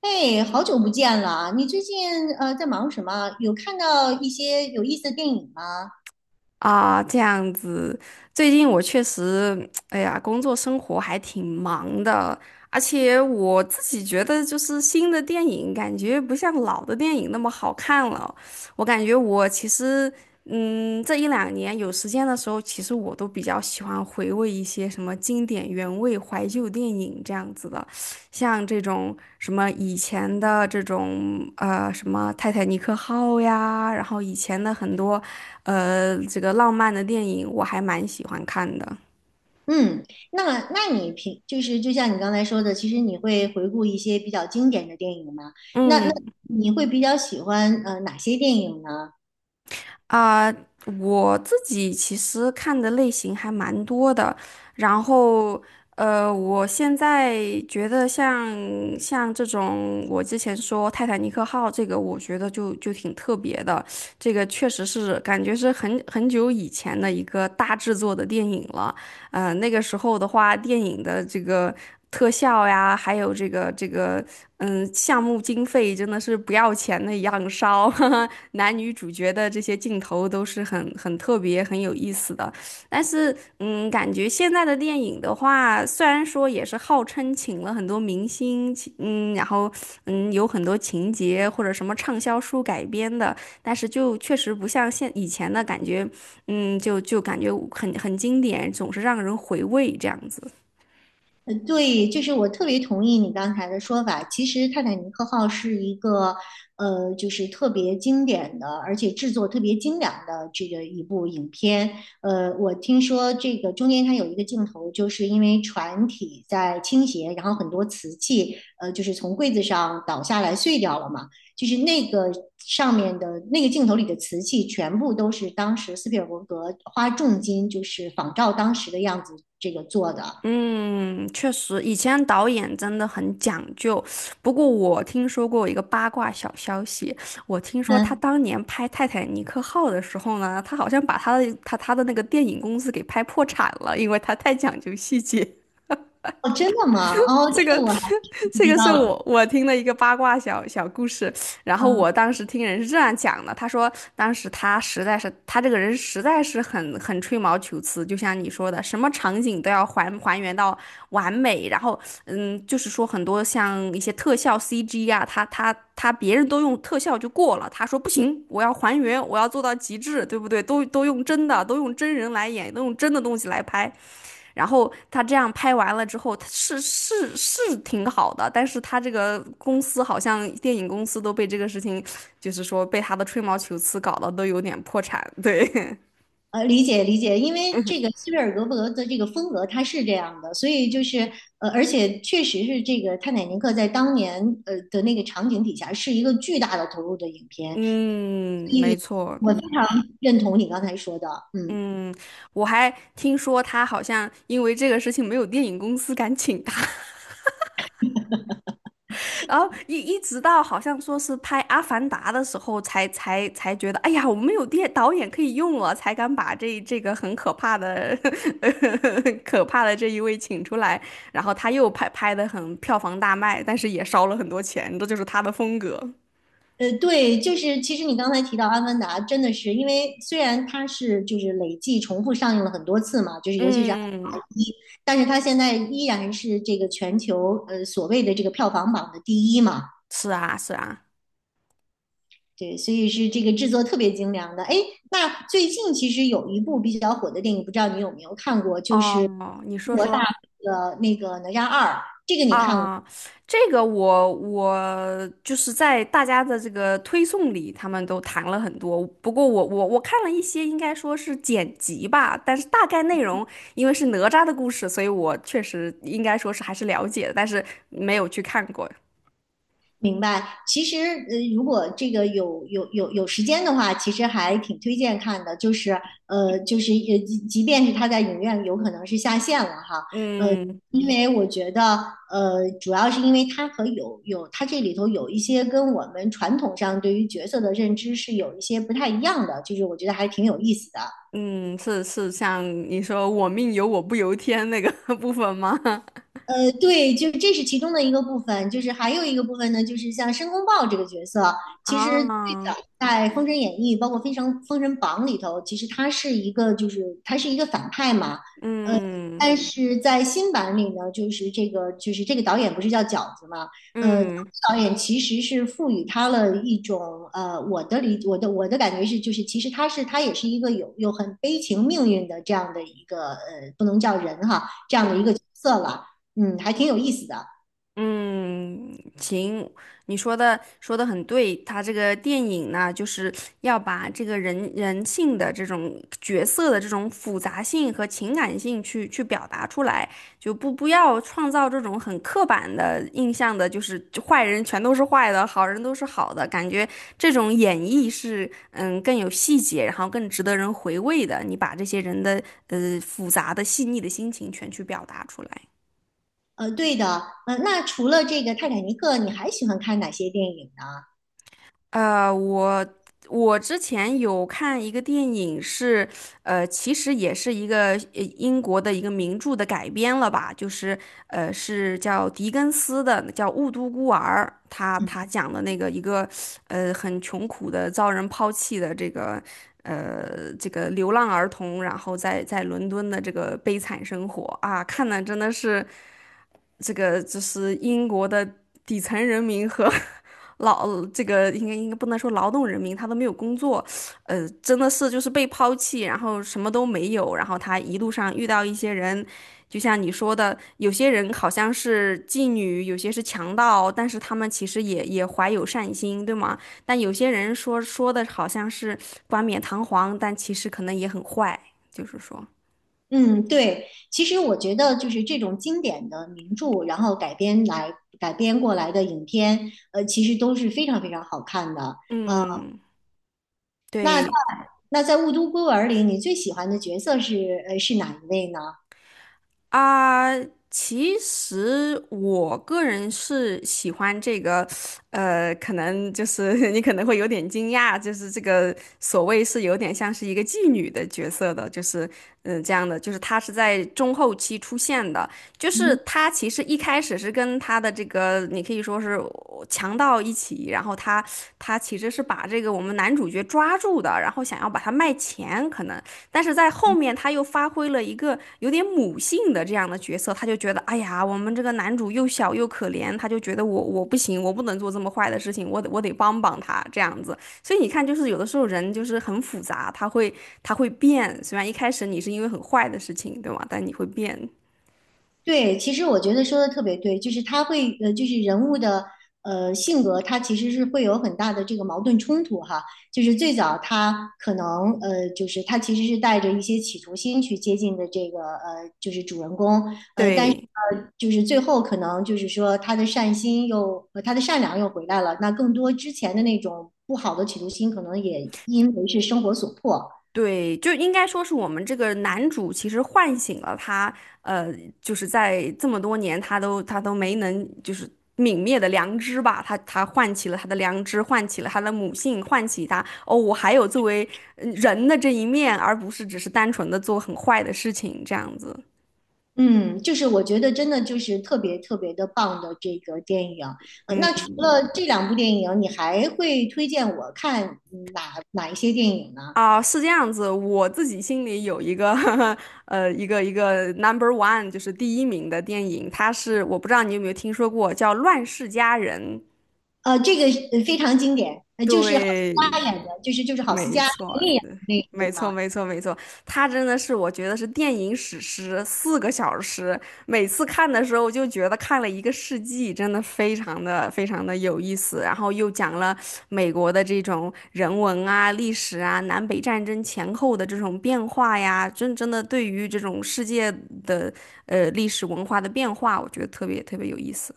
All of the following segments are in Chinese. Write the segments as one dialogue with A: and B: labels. A: 哎，好久不见了！你最近在忙什么？有看到一些有意思的电影吗？
B: 啊，这样子，最近我确实，哎呀，工作生活还挺忙的，而且我自己觉得，就是新的电影感觉不像老的电影那么好看了。我感觉我其实，这一两年有时间的时候，其实我都比较喜欢回味一些什么经典原味怀旧电影这样子的。像这种什么以前的这种什么泰坦尼克号呀，然后以前的很多这个浪漫的电影，我还蛮喜欢看的。
A: 嗯，那你平就是就像你刚才说的，其实你会回顾一些比较经典的电影吗？那
B: 嗯。
A: 你会比较喜欢哪些电影呢？
B: 啊、我自己其实看的类型还蛮多的，然后我现在觉得像这种，我之前说《泰坦尼克号》这个，我觉得就挺特别的，这个确实是感觉是很久以前的一个大制作的电影了。那个时候的话，电影的这个特效呀，还有这个，项目经费真的是不要钱的一样烧，男女主角的这些镜头都是很特别、很有意思的。但是，感觉现在的电影的话，虽然说也是号称请了很多明星，请然后有很多情节或者什么畅销书改编的，但是就确实不像现以前的感觉，就感觉很经典，总是让人回味这样子。
A: 对，就是我特别同意你刚才的说法。其实《泰坦尼克号》是一个，就是特别经典的，而且制作特别精良的这个一部影片。我听说这个中间它有一个镜头，就是因为船体在倾斜，然后很多瓷器，就是从柜子上倒下来碎掉了嘛。就是那个上面的那个镜头里的瓷器，全部都是当时斯皮尔伯格花重金，就是仿照当时的样子这个做的。
B: 嗯，确实，以前导演真的很讲究。不过我听说过一个八卦小消息，我听说他
A: 嗯。
B: 当年拍《泰坦尼克号》的时候呢，他好像把他的那个电影公司给拍破产了，因为他太讲究细节。
A: 哦，真的吗？哦，
B: 这
A: 这
B: 个
A: 个我还 不
B: 这
A: 知
B: 个是
A: 道。
B: 我听的一个八卦小小故事，然后
A: 嗯，
B: 我当时听人是这样讲的，他说当时他这个人实在是很吹毛求疵，就像你说的，什么场景都要还原到完美，然后就是说很多像一些特效 CG 啊，他他他别人都用特效就过了，他说不行，我要还原，我要做到极致，对不对？都用真的，都用真人来演，都用真的东西来拍。然后他这样拍完了之后，他是挺好的，但是他这个公司好像电影公司都被这个事情，就是说被他的吹毛求疵搞得都有点破产。对，
A: 理解，因为这个斯皮尔格伯的这个风格他是这样的，所以就是而且确实是这个《泰坦尼克》在当年的那个场景底下是一个巨大的投入的影 片，
B: 嗯，
A: 所以
B: 没错，
A: 我非常认同你刚才说的，嗯。
B: 嗯，我还听说他好像因为这个事情没有电影公司敢请他。然后一直到好像说是拍《阿凡达》的时候才，才觉得，哎呀，我们有电导演可以用了，才敢把这个很可怕的 可怕的这一位请出来。然后他又拍的很票房大卖，但是也烧了很多钱，这就是他的风格。
A: 对，就是其实你刚才提到《阿凡达》，真的是因为虽然它是就是累计重复上映了很多次嘛，就是尤其是《阿
B: 嗯，
A: 凡达一》，但是它现在依然是这个全球所谓的这个票房榜的第一嘛，
B: 是啊，是啊。
A: 对，所以是这个制作特别精良的。哎，那最近其实有一部比较火的电影，不知道你有没有看过，就是
B: 哦，你
A: 中
B: 说
A: 国大
B: 说。
A: 陆的那个《哪吒二》，这个你看过？
B: 啊，这个我就是在大家的这个推送里，他们都谈了很多。不过我看了一些，应该说是剪辑吧，但是大概内容因为是哪吒的故事，所以我确实应该说是还是了解的，但是没有去看过。
A: 明白，其实如果这个有时间的话，其实还挺推荐看的。就是就是即便是它在影院有可能是下线了哈，呃，
B: 嗯
A: 因为我觉得主要是因为它和它这里头有一些跟我们传统上对于角色的认知是有一些不太一样的，就是我觉得还挺有意思的。
B: 嗯，是像你说"我命由我不由天"那个 部分吗？
A: 对，就是这是其中的一个部分，就是还有一个部分呢，就是像申公豹这个角色，其实最
B: 啊，
A: 早在《封神演义》包括《封神封神榜》里头，其实他是一个就是他是一个反派嘛，呃，
B: 嗯
A: 但是在新版里呢，就是这个导演不是叫饺子嘛，呃，
B: 嗯
A: 导演其实是赋予他了一种我的理我的我的感觉是，就是其实他是他也是一个有很悲情命运的这样的一个不能叫人哈，这样的一
B: 嗯。
A: 个角色了。嗯，还挺有意思的。
B: 嗯，行，你说的很对，他这个电影呢，就是要把这个人性的这种角色的这种复杂性和情感性去表达出来，就不要创造这种很刻板的印象的，就是就坏人全都是坏的，好人都是好的，感觉这种演绎是更有细节，然后更值得人回味的，你把这些人的复杂的细腻的心情全去表达出来。
A: 对的，那除了这个《泰坦尼克》，你还喜欢看哪些电影呢？
B: 呃，我我之前有看一个电影是，其实也是一个英国的一个名著的改编了吧，就是是叫狄更斯的，叫《雾都孤儿》，他
A: 嗯
B: 他讲的那个一个很穷苦的遭人抛弃的这个流浪儿童，然后在伦敦的这个悲惨生活啊，看的真的是。这个就是英国的底层人民和 这个应该不能说劳动人民，他都没有工作，真的是就是被抛弃，然后什么都没有，然后他一路上遇到一些人，就像你说的，有些人好像是妓女，有些是强盗，但是他们其实也怀有善心，对吗？但有些人说的好像是冠冕堂皇，但其实可能也很坏，就是说，
A: 嗯，对，其实我觉得就是这种经典的名著，然后改编来改编过来的影片，其实都是非常非常好看的。
B: 嗯，对。
A: 那在《雾都孤儿》里，你最喜欢的角色是是哪一位呢？
B: 啊，其实我个人是喜欢这个，可能就是 你可能会有点惊讶，就是这个所谓是有点像是一个妓女的角色的，就是这样的，就是他是在中后期出现的，就是他其实一开始是跟他的这个你可以说是强盗一起，然后他其实是把这个我们男主角抓住的，然后想要把他卖钱，可能。但是在后面他又发挥了一个有点母性的这样的角色，他就觉得，哎呀，我们这个男主又小又可怜，他就觉得我不行，我不能做这么坏的事情，我得帮帮他这样子。所以你看，就是有的时候人就是很复杂，他会变，虽然一开始你是因为很坏的事情，对吗？但你会变，
A: 对，其实我觉得说的特别对，就是他会就是人物的性格，他其实是会有很大的这个矛盾冲突哈。就是最早他可能就是他其实是带着一些企图心去接近的这个就是主人公但是
B: 对。
A: 就是最后可能就是说他的善心又他的善良又回来了，那更多之前的那种不好的企图心，可能也因为是生活所迫。
B: 对，就应该说是我们这个男主其实唤醒了他，呃，就是在这么多年他都没能就是泯灭的良知吧，他唤起了他的良知，唤起了他的母性，唤起他哦，我还有作为人的这一面，而不是只是单纯的做很坏的事情这样子。
A: 嗯，就是我觉得真的就是特别特别的棒的这个电影。那除
B: 嗯
A: 了这两部电影，你还会推荐我看嗯哪一些电影呢？
B: 啊，是这样子，我自己心里有一个 一个 number one 就是第一名的电影，它是我不知道你有没有听说过叫《乱世佳人》。
A: 这个非常经典，就是郝思
B: 对，
A: 嘉演的，就是郝思
B: 没
A: 嘉
B: 错
A: 陈丽演的
B: 的，
A: 那个，对
B: 没错，
A: 吗？
B: 没错，没错。它真的是我觉得是电影史诗，4个小时，每次看的时候就觉得看了一个世纪，真的非常的非常的有意思。然后又讲了美国的这种人文啊、历史啊、南北战争前后的这种变化呀，真的对于这种世界的历史文化的变化，我觉得特别特别有意思。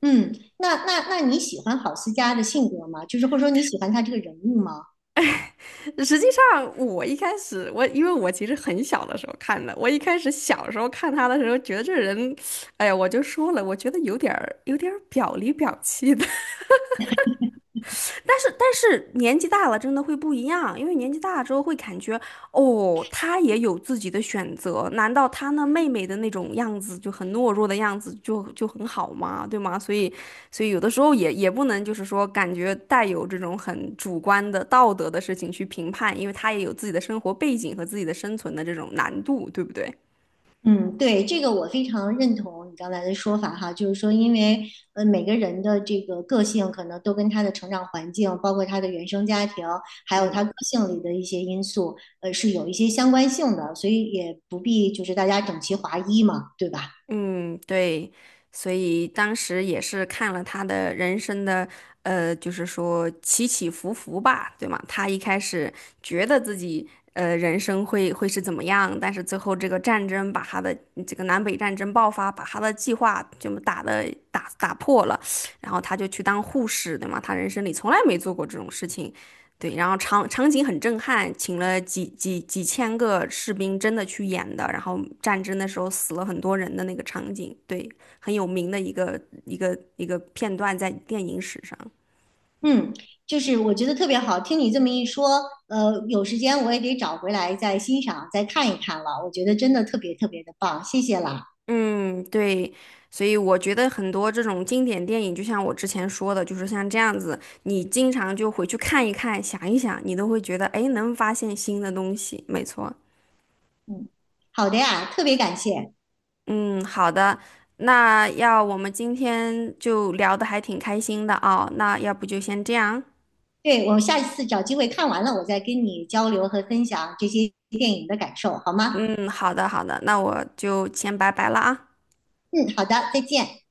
A: 嗯，那你喜欢郝思嘉的性格吗？就是或者说你喜欢他这个人物吗？
B: 实际上，我一开始我因为我其实很小的时候看的，我一开始小时候看他的时候，觉得这人，哎呀，我就说了，我觉得有点儿表里表气的。但是年纪大了真的会不一样，因为年纪大了之后会感觉，哦，他也有自己的选择，难道他那妹妹的那种样子就很懦弱的样子就很好吗？对吗？所以有的时候也不能就是说感觉带有这种很主观的道德的事情去评判，因为他也有自己的生活背景和自己的生存的这种难度，对不对？
A: 嗯，对，这个我非常认同你刚才的说法哈，就是说，因为每个人的这个个性可能都跟他的成长环境，包括他的原生家庭，还有
B: 嗯。
A: 他个性里的一些因素，是有一些相关性的，所以也不必就是大家整齐划一嘛，对吧？
B: 嗯，对，所以当时也是看了他的人生的，就是说起起伏伏吧，对吗？他一开始觉得自己人生会是怎么样，但是最后这个战争把他的这个南北战争爆发，把他的计划就打的打打破了，然后他就去当护士，对吗？他人生里从来没做过这种事情。对，然后场景很震撼，请了几千个士兵真的去演的，然后战争的时候死了很多人的那个场景，对，很有名的一个片段在电影史上。
A: 嗯，就是我觉得特别好，听你这么一说，有时间我也得找回来再欣赏、再看一看了，我觉得真的特别特别的棒，谢谢啦。
B: 嗯，对，所以我觉得很多这种经典电影，就像我之前说的，就是像这样子，你经常就回去看一看，想一想，你都会觉得，哎，能发现新的东西。没错，
A: 嗯，好的呀，特别感谢。
B: 嗯，好的，那要我们今天就聊得还挺开心的啊，那要不就先这样。
A: 对我下一次找机会看完了，我再跟你交流和分享这些电影的感受，好吗？
B: 嗯，好的，好的，那我就先拜拜了啊。
A: 嗯，好的，再见。